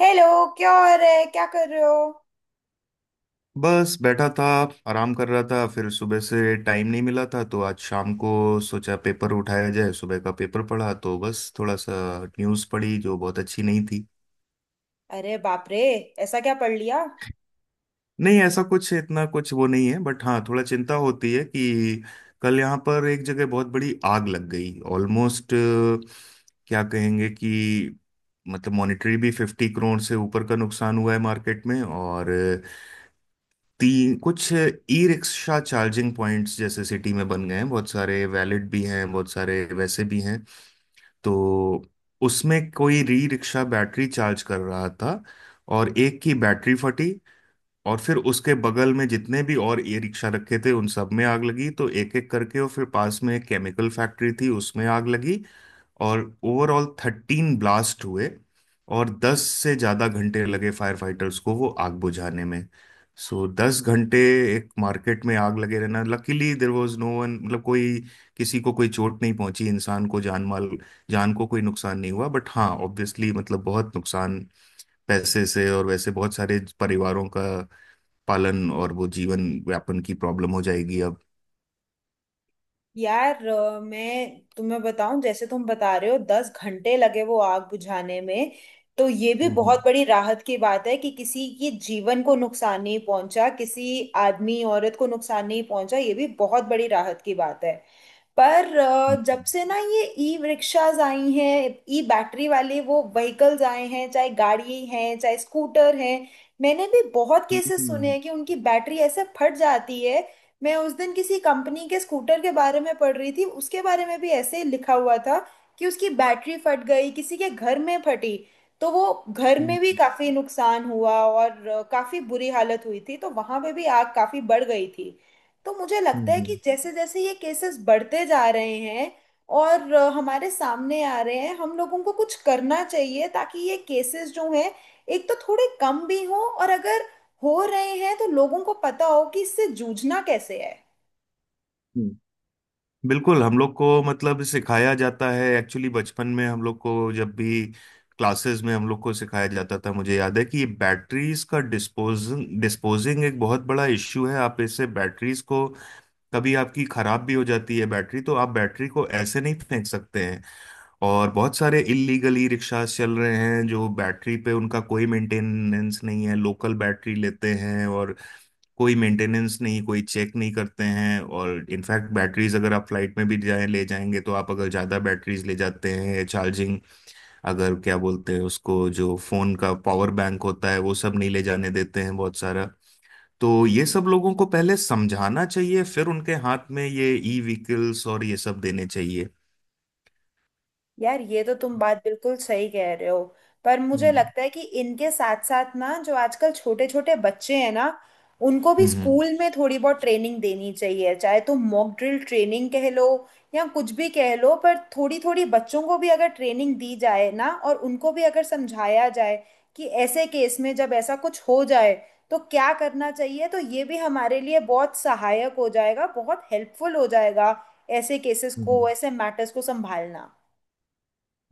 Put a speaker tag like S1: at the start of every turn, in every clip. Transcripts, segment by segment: S1: Hello. क्या हो रहा है, क्या कर रहे हो?
S2: बस बैठा था। आराम कर रहा था, फिर सुबह से टाइम नहीं मिला था तो आज शाम को सोचा पेपर उठाया जाए। सुबह का पेपर पढ़ा तो बस थोड़ा सा न्यूज़ पढ़ी जो बहुत अच्छी नहीं थी।
S1: अरे बाप रे, ऐसा क्या पढ़ लिया?
S2: नहीं, ऐसा कुछ इतना कुछ वो नहीं है, बट हाँ, थोड़ा चिंता होती है कि कल यहाँ पर एक जगह बहुत बड़ी आग लग गई। ऑलमोस्ट क्या कहेंगे कि मतलब मॉनेटरी भी 50 करोड़ से ऊपर का नुकसान हुआ है मार्केट में। और तीन कुछ ई रिक्शा चार्जिंग पॉइंट्स जैसे सिटी में बन गए हैं। बहुत सारे वैलिड भी हैं, बहुत सारे वैसे भी हैं। तो उसमें कोई ई रिक्शा बैटरी चार्ज कर रहा था, और एक की बैटरी फटी। और फिर उसके बगल में जितने भी और ई रिक्शा रखे थे उन सब में आग लगी, तो एक एक करके, और फिर पास में एक केमिकल फैक्ट्री थी उसमें आग लगी। और ओवरऑल 13 ब्लास्ट हुए। और 10 से ज्यादा घंटे लगे फायर फाइटर्स को वो आग बुझाने में। सो 10 घंटे एक मार्केट में आग लगे रहना। Luckily there was no one, मतलब कोई, किसी को कोई चोट नहीं पहुंची, इंसान को जान माल, जान को कोई नुकसान नहीं हुआ। बट हाँ, ऑब्वियसली मतलब बहुत नुकसान पैसे से, और वैसे बहुत सारे परिवारों का पालन और वो जीवन यापन की प्रॉब्लम हो जाएगी अब।
S1: यार, मैं तुम्हें बताऊं, जैसे तुम बता रहे हो 10 घंटे लगे वो आग बुझाने में, तो ये भी
S2: हम्म।
S1: बहुत बड़ी राहत की बात है कि किसी के जीवन को नुकसान नहीं पहुंचा, किसी आदमी औरत को नुकसान नहीं पहुंचा, ये भी बहुत बड़ी राहत की बात है। पर जब
S2: हम्म।
S1: से ना ये ई रिक्शाज आई हैं, ई बैटरी वाले वो व्हीकल्स आए हैं, चाहे गाड़ी हैं चाहे स्कूटर हैं, मैंने भी बहुत केसेस सुने
S2: हम्म।
S1: हैं कि उनकी बैटरी ऐसे फट जाती है। मैं उस दिन किसी कंपनी के स्कूटर के बारे में पढ़ रही थी, उसके बारे में भी ऐसे ही लिखा हुआ था कि उसकी बैटरी फट गई, किसी के घर में फटी, तो वो घर
S2: हम्म।
S1: में भी
S2: हम्म।
S1: काफी नुकसान हुआ और काफी बुरी हालत हुई थी, तो वहां पे भी आग काफी बढ़ गई थी। तो मुझे
S2: हम्म।
S1: लगता है कि जैसे जैसे ये केसेस बढ़ते जा रहे हैं और हमारे सामने आ रहे हैं, हम लोगों को कुछ करना चाहिए ताकि ये केसेस जो हैं, एक तो थोड़े कम भी हों, और अगर हो रहे हैं तो लोगों को पता हो कि इससे जूझना कैसे है।
S2: हम्म। बिल्कुल, हम लोग को मतलब सिखाया जाता है एक्चुअली। बचपन में हम लोग को जब भी क्लासेस में हम लोग को सिखाया जाता था, मुझे याद है, कि ये बैटरीज का डिस्पोजिंग एक बहुत बड़ा इश्यू है। आप इससे बैटरीज को, कभी आपकी खराब भी हो जाती है बैटरी, तो आप बैटरी को ऐसे नहीं फेंक सकते हैं। और बहुत सारे इलीगली रिक्शा चल रहे हैं जो बैटरी पे, उनका कोई मेंटेनेंस नहीं है, लोकल बैटरी लेते हैं और कोई मेंटेनेंस नहीं, कोई चेक नहीं करते हैं। और इनफैक्ट बैटरीज, अगर आप फ्लाइट में भी जाएं, ले जाएंगे तो आप, अगर ज़्यादा बैटरीज ले जाते हैं चार्जिंग, अगर क्या बोलते हैं उसको, जो फ़ोन का पावर बैंक होता है, वो सब नहीं ले जाने देते हैं बहुत सारा। तो ये सब लोगों को पहले समझाना चाहिए, फिर उनके हाथ में ये ई व्हीकल्स और ये सब देने चाहिए।
S1: यार, ये तो तुम बात बिल्कुल सही कह रहे हो। पर मुझे
S2: हम्म।
S1: लगता है कि इनके साथ साथ ना जो आजकल छोटे छोटे बच्चे हैं ना, उनको भी
S2: हम्म।
S1: स्कूल में थोड़ी बहुत ट्रेनिंग देनी चाहिए, चाहे तो मॉक ड्रिल ट्रेनिंग कह लो या कुछ भी कह लो, पर थोड़ी थोड़ी बच्चों को भी अगर ट्रेनिंग दी जाए ना, और उनको भी अगर समझाया जाए कि ऐसे केस में जब ऐसा कुछ हो जाए तो क्या करना चाहिए, तो ये भी हमारे लिए बहुत सहायक हो जाएगा, बहुत हेल्पफुल हो जाएगा ऐसे केसेस
S2: हम्म।
S1: को ऐसे मैटर्स को संभालना।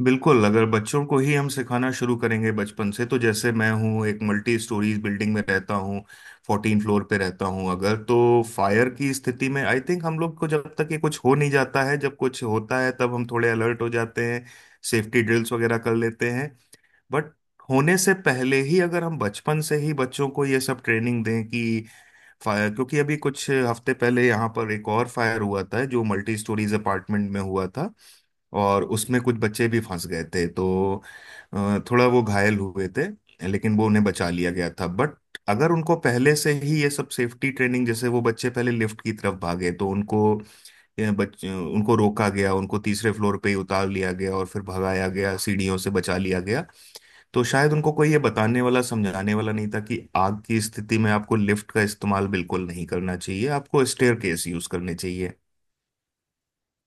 S2: बिल्कुल, अगर बच्चों को ही हम सिखाना शुरू करेंगे बचपन से, तो जैसे मैं हूँ, एक मल्टी स्टोरीज बिल्डिंग में रहता हूँ, 14 फ्लोर पे रहता हूँ, अगर तो फायर की स्थिति में, आई थिंक हम लोग को, जब तक ये कुछ हो नहीं जाता है, जब कुछ होता है तब हम थोड़े अलर्ट हो जाते हैं, सेफ्टी ड्रिल्स वगैरह कर लेते हैं। बट होने से पहले ही अगर हम बचपन से ही बच्चों को ये सब ट्रेनिंग दें कि फायर, क्योंकि अभी कुछ हफ्ते पहले यहाँ पर एक और फायर हुआ था जो मल्टी स्टोरीज अपार्टमेंट में हुआ था, और उसमें कुछ बच्चे भी फंस गए थे, तो थोड़ा वो घायल हुए थे, लेकिन वो उन्हें बचा लिया गया था। बट अगर उनको पहले से ही ये सब सेफ्टी ट्रेनिंग, जैसे वो बच्चे पहले लिफ्ट की तरफ भागे, तो उनको उनको रोका गया, उनको तीसरे फ्लोर पे ही उतार लिया गया और फिर भगाया गया सीढ़ियों से, बचा लिया गया। तो शायद उनको कोई ये बताने वाला समझाने वाला नहीं था कि आग की स्थिति में आपको लिफ्ट का इस्तेमाल बिल्कुल नहीं करना चाहिए, आपको स्टेयर केस यूज करने चाहिए।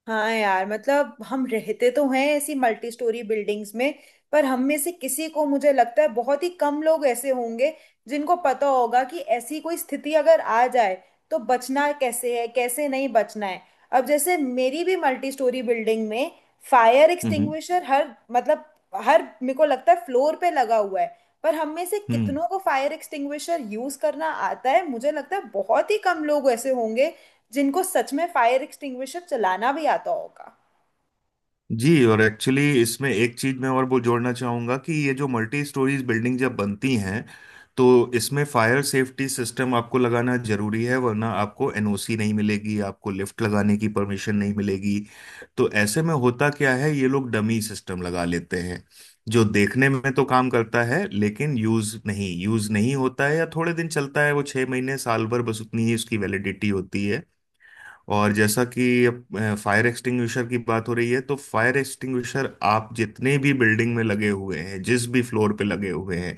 S1: हाँ यार, मतलब हम रहते तो हैं ऐसी मल्टी स्टोरी बिल्डिंग्स में, पर हम में से किसी को, मुझे लगता है बहुत ही कम लोग ऐसे होंगे जिनको पता होगा कि ऐसी कोई स्थिति अगर आ जाए तो बचना कैसे है, कैसे नहीं बचना है। अब जैसे मेरी भी मल्टी स्टोरी बिल्डिंग में फायर
S2: हम्म।
S1: एक्सटिंग्विशर हर मतलब हर, मेरे को लगता है, फ्लोर पे लगा हुआ है। पर हम में से
S2: हम्म।
S1: कितनों को फायर एक्सटिंग्विशर यूज करना आता है? मुझे लगता है बहुत ही कम लोग ऐसे होंगे जिनको सच में फायर एक्सटिंग्विशर चलाना भी आता होगा।
S2: जी, और एक्चुअली इसमें एक चीज मैं और वो जोड़ना चाहूंगा कि ये जो मल्टी स्टोरीज बिल्डिंग जब बनती हैं, तो इसमें फायर सेफ्टी सिस्टम आपको लगाना जरूरी है, वरना आपको एनओसी नहीं मिलेगी, आपको लिफ्ट लगाने की परमिशन नहीं मिलेगी। तो ऐसे में होता क्या है, ये लोग डमी सिस्टम लगा लेते हैं, जो देखने में तो काम करता है लेकिन यूज नहीं होता है, या थोड़े दिन चलता है, वो 6 महीने साल भर, बस उतनी ही उसकी वैलिडिटी होती है। और जैसा कि फायर एक्सटिंग्विशर की बात हो रही है, तो फायर एक्सटिंग्विशर आप जितने भी बिल्डिंग में लगे हुए हैं, जिस भी फ्लोर पे लगे हुए हैं,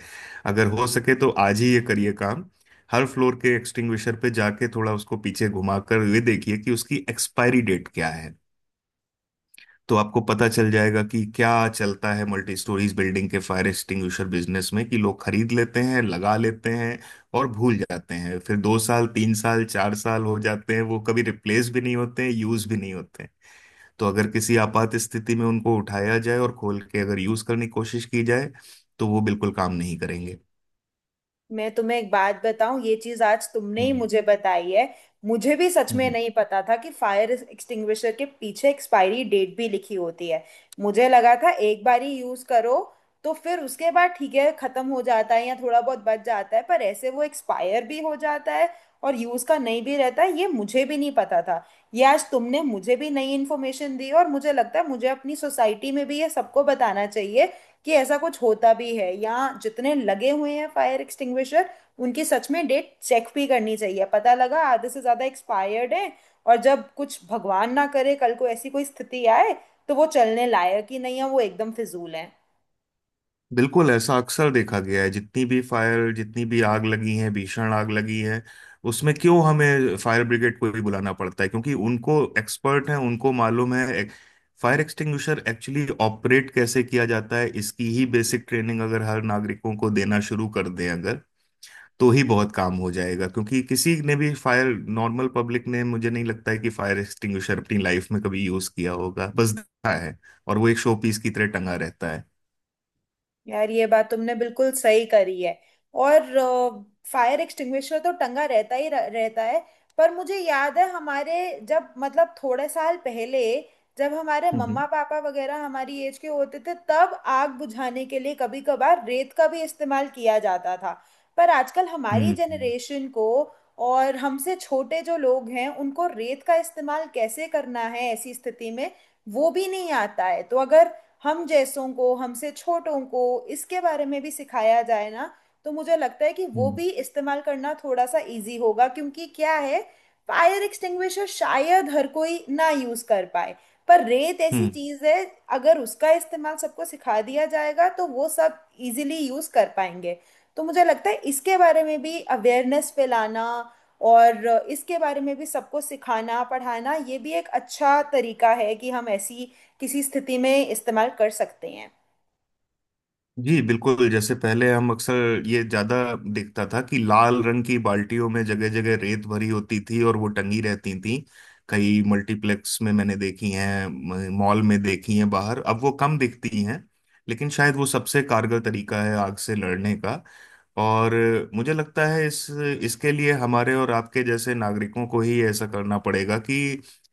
S2: अगर हो सके तो आज ही ये करिए काम, हर फ्लोर के एक्सटिंग्विशर पे जाके थोड़ा उसको पीछे घुमाकर ये देखिए कि उसकी एक्सपायरी डेट क्या है। तो आपको पता चल जाएगा कि क्या चलता है मल्टी स्टोरीज बिल्डिंग के फायर एक्सटिंग्विशर बिजनेस में, कि लोग खरीद लेते हैं, लगा लेते हैं और भूल जाते हैं, फिर 2 साल 3 साल 4 साल हो जाते हैं, वो कभी रिप्लेस भी नहीं होते हैं, यूज भी नहीं होते हैं। तो अगर किसी आपात स्थिति में उनको उठाया जाए और खोल के अगर यूज करने की कोशिश की जाए, तो वो बिल्कुल काम नहीं करेंगे।
S1: मैं तुम्हें एक बात बताऊं, ये चीज आज तुमने ही
S2: हम्म।
S1: मुझे बताई है। मुझे भी सच में
S2: हम्म।
S1: नहीं पता था कि फायर एक्सटिंग्विशर के पीछे एक्सपायरी डेट भी लिखी होती है। मुझे लगा था एक बार ही यूज करो तो फिर उसके बाद ठीक है, खत्म हो जाता है या थोड़ा बहुत बच जाता है, पर ऐसे वो एक्सपायर भी हो जाता है और यूज का नहीं भी रहता है, ये मुझे भी नहीं पता था। ये आज तुमने मुझे भी नई इन्फॉर्मेशन दी, और मुझे लगता है मुझे अपनी सोसाइटी में भी ये सबको बताना चाहिए कि ऐसा कुछ होता भी है, या जितने लगे हुए हैं फायर एक्सटिंग्विशर, उनकी सच में डेट चेक भी करनी चाहिए। पता लगा आधे से ज़्यादा एक्सपायर्ड है, और जब कुछ भगवान ना करे कल को ऐसी कोई स्थिति आए, तो वो चलने लायक ही नहीं है, वो एकदम फिजूल है।
S2: बिल्कुल, ऐसा अक्सर देखा गया है जितनी भी फायर, जितनी भी आग लगी है, भीषण आग लगी है, उसमें क्यों हमें फायर ब्रिगेड को भी बुलाना पड़ता है, क्योंकि उनको, एक्सपर्ट हैं, उनको मालूम है फायर एक्सटिंग्विशर एक्चुअली ऑपरेट कैसे किया जाता है। इसकी ही बेसिक ट्रेनिंग अगर हर नागरिकों को देना शुरू कर दें, अगर, तो ही बहुत काम हो जाएगा। क्योंकि किसी ने भी फायर, नॉर्मल पब्लिक ने, मुझे नहीं लगता है कि फायर एक्सटिंग्विशर अपनी लाइफ में कभी यूज किया होगा, बस देखा है, और वो एक शो पीस की तरह टंगा रहता है।
S1: यार, ये बात तुमने बिल्कुल सही करी है। और फायर एक्सटिंग्विशर तो टंगा रहता ही रहता है, पर मुझे याद है हमारे जब मतलब थोड़े साल पहले, जब हमारे
S2: हम्म।
S1: मम्मा पापा वगैरह हमारी एज के होते थे, तब आग बुझाने के लिए कभी कभार रेत का भी इस्तेमाल किया जाता था। पर आजकल
S2: हम्म।
S1: हमारी
S2: हम्म।
S1: जनरेशन को और हमसे छोटे जो लोग हैं, उनको रेत का इस्तेमाल कैसे करना है ऐसी स्थिति में, वो भी नहीं आता है। तो अगर हम जैसों को, हमसे छोटों को, इसके बारे में भी सिखाया जाए ना, तो मुझे लगता है कि वो
S2: हम्म।
S1: भी इस्तेमाल करना थोड़ा सा इजी होगा। क्योंकि क्या है, फायर एक्सटिंग्विशर शायद हर कोई ना यूज कर पाए, पर रेत ऐसी
S2: हम्म।
S1: चीज है, अगर उसका इस्तेमाल सबको सिखा दिया जाएगा तो वो सब इजीली यूज कर पाएंगे। तो मुझे लगता है इसके बारे में भी अवेयरनेस फैलाना, और इसके बारे में भी सबको सिखाना पढ़ाना, ये भी एक अच्छा तरीका है कि हम ऐसी किसी स्थिति में इस्तेमाल कर सकते हैं।
S2: जी बिल्कुल, जैसे पहले हम अक्सर ये ज्यादा देखता था कि लाल रंग की बाल्टियों में जगह जगह रेत भरी होती थी, और वो टंगी रहती थी। कई मल्टीप्लेक्स में मैंने देखी हैं, मॉल में देखी हैं बाहर, अब वो कम दिखती हैं। लेकिन शायद वो सबसे कारगर तरीका है आग से लड़ने का। और मुझे लगता है इस इसके लिए हमारे और आपके जैसे नागरिकों को ही ऐसा करना पड़ेगा, कि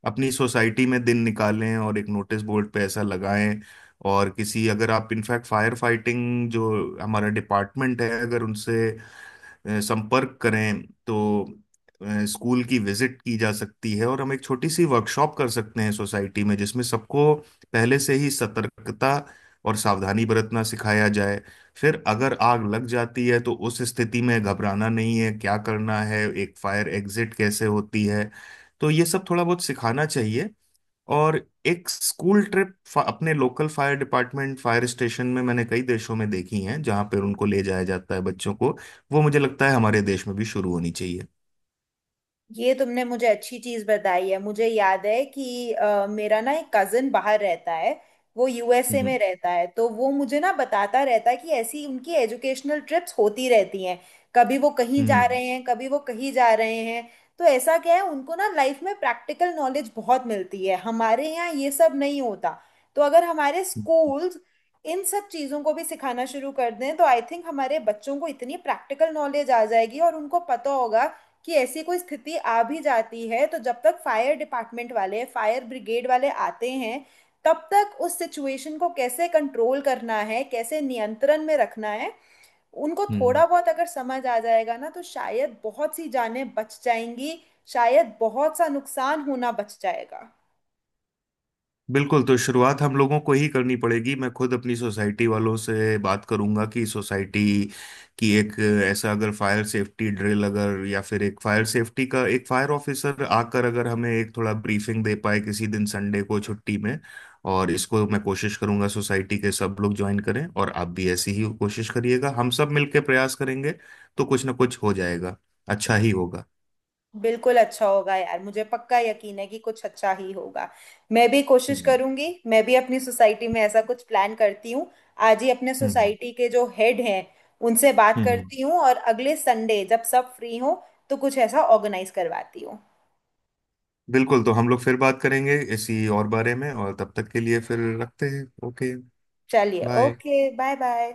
S2: अपनी सोसाइटी में दिन निकालें और एक नोटिस बोर्ड पे ऐसा लगाएं, और किसी, अगर आप इनफैक्ट फायर फाइटिंग जो हमारा डिपार्टमेंट है, अगर उनसे संपर्क करें, तो स्कूल की विजिट की जा सकती है, और हम एक छोटी सी वर्कशॉप कर सकते हैं सोसाइटी में, जिसमें सबको पहले से ही सतर्कता और सावधानी बरतना सिखाया जाए। फिर अगर आग लग जाती है, तो उस स्थिति में घबराना नहीं है, क्या करना है, एक फायर एग्जिट कैसे होती है, तो ये सब थोड़ा बहुत सिखाना चाहिए। और एक स्कूल ट्रिप अपने local fire department, fire station में, मैंने कई देशों में देखी हैं, जहां पर उनको ले जाया जाता है, बच्चों को। वो मुझे लगता है हमारे देश में भी शुरू होनी चाहिए।
S1: ये तुमने मुझे अच्छी चीज बताई है। मुझे याद है कि मेरा ना एक कजिन बाहर रहता है, वो USA
S2: हम्म।
S1: में रहता है, तो वो मुझे ना बताता रहता है कि ऐसी उनकी एजुकेशनल ट्रिप्स होती रहती हैं। कभी वो कहीं जा
S2: हम्म।
S1: रहे हैं, कभी वो कहीं जा रहे हैं। तो ऐसा क्या है, उनको ना लाइफ में प्रैक्टिकल नॉलेज बहुत मिलती है, हमारे यहाँ ये सब नहीं होता। तो अगर हमारे स्कूल्स इन सब चीज़ों को भी सिखाना शुरू कर दें, तो आई थिंक हमारे बच्चों को इतनी प्रैक्टिकल नॉलेज आ जाएगी, और उनको पता होगा कि ऐसी कोई स्थिति आ भी जाती है, तो जब तक फायर डिपार्टमेंट वाले फायर ब्रिगेड वाले आते हैं, तब तक उस सिचुएशन को कैसे कंट्रोल करना है, कैसे नियंत्रण में रखना है, उनको
S2: हम्म।
S1: थोड़ा बहुत अगर समझ आ जाएगा ना, तो शायद बहुत सी जानें बच जाएंगी, शायद बहुत सा नुकसान होना बच जाएगा।
S2: बिल्कुल, तो शुरुआत हम लोगों को ही करनी पड़ेगी। मैं खुद अपनी सोसाइटी वालों से बात करूंगा कि सोसाइटी की एक, ऐसा अगर फायर सेफ्टी ड्रिल, अगर, या फिर एक फायर सेफ्टी का एक फायर ऑफिसर आकर अगर हमें एक थोड़ा ब्रीफिंग दे पाए, किसी दिन संडे को छुट्टी में, और इसको मैं कोशिश करूंगा सोसाइटी के सब लोग ज्वाइन करें, और आप भी ऐसी ही कोशिश करिएगा, हम सब मिलकर प्रयास करेंगे, तो कुछ ना कुछ हो जाएगा, अच्छा ही होगा।
S1: बिल्कुल अच्छा होगा यार, मुझे पक्का यकीन है कि कुछ अच्छा ही होगा। मैं भी कोशिश
S2: हम्म।
S1: करूंगी, मैं भी अपनी सोसाइटी में ऐसा कुछ प्लान करती हूँ। आज ही अपने
S2: हम्म।
S1: सोसाइटी के जो हेड हैं, उनसे बात
S2: हम्म।
S1: करती हूँ, और अगले संडे जब सब फ्री हो, तो कुछ ऐसा ऑर्गेनाइज करवाती हूँ।
S2: बिल्कुल, तो हम लोग फिर बात करेंगे इसी और बारे में, और तब तक के लिए फिर रखते हैं, ओके।
S1: चलिए,
S2: बाय।
S1: Okay, bye bye.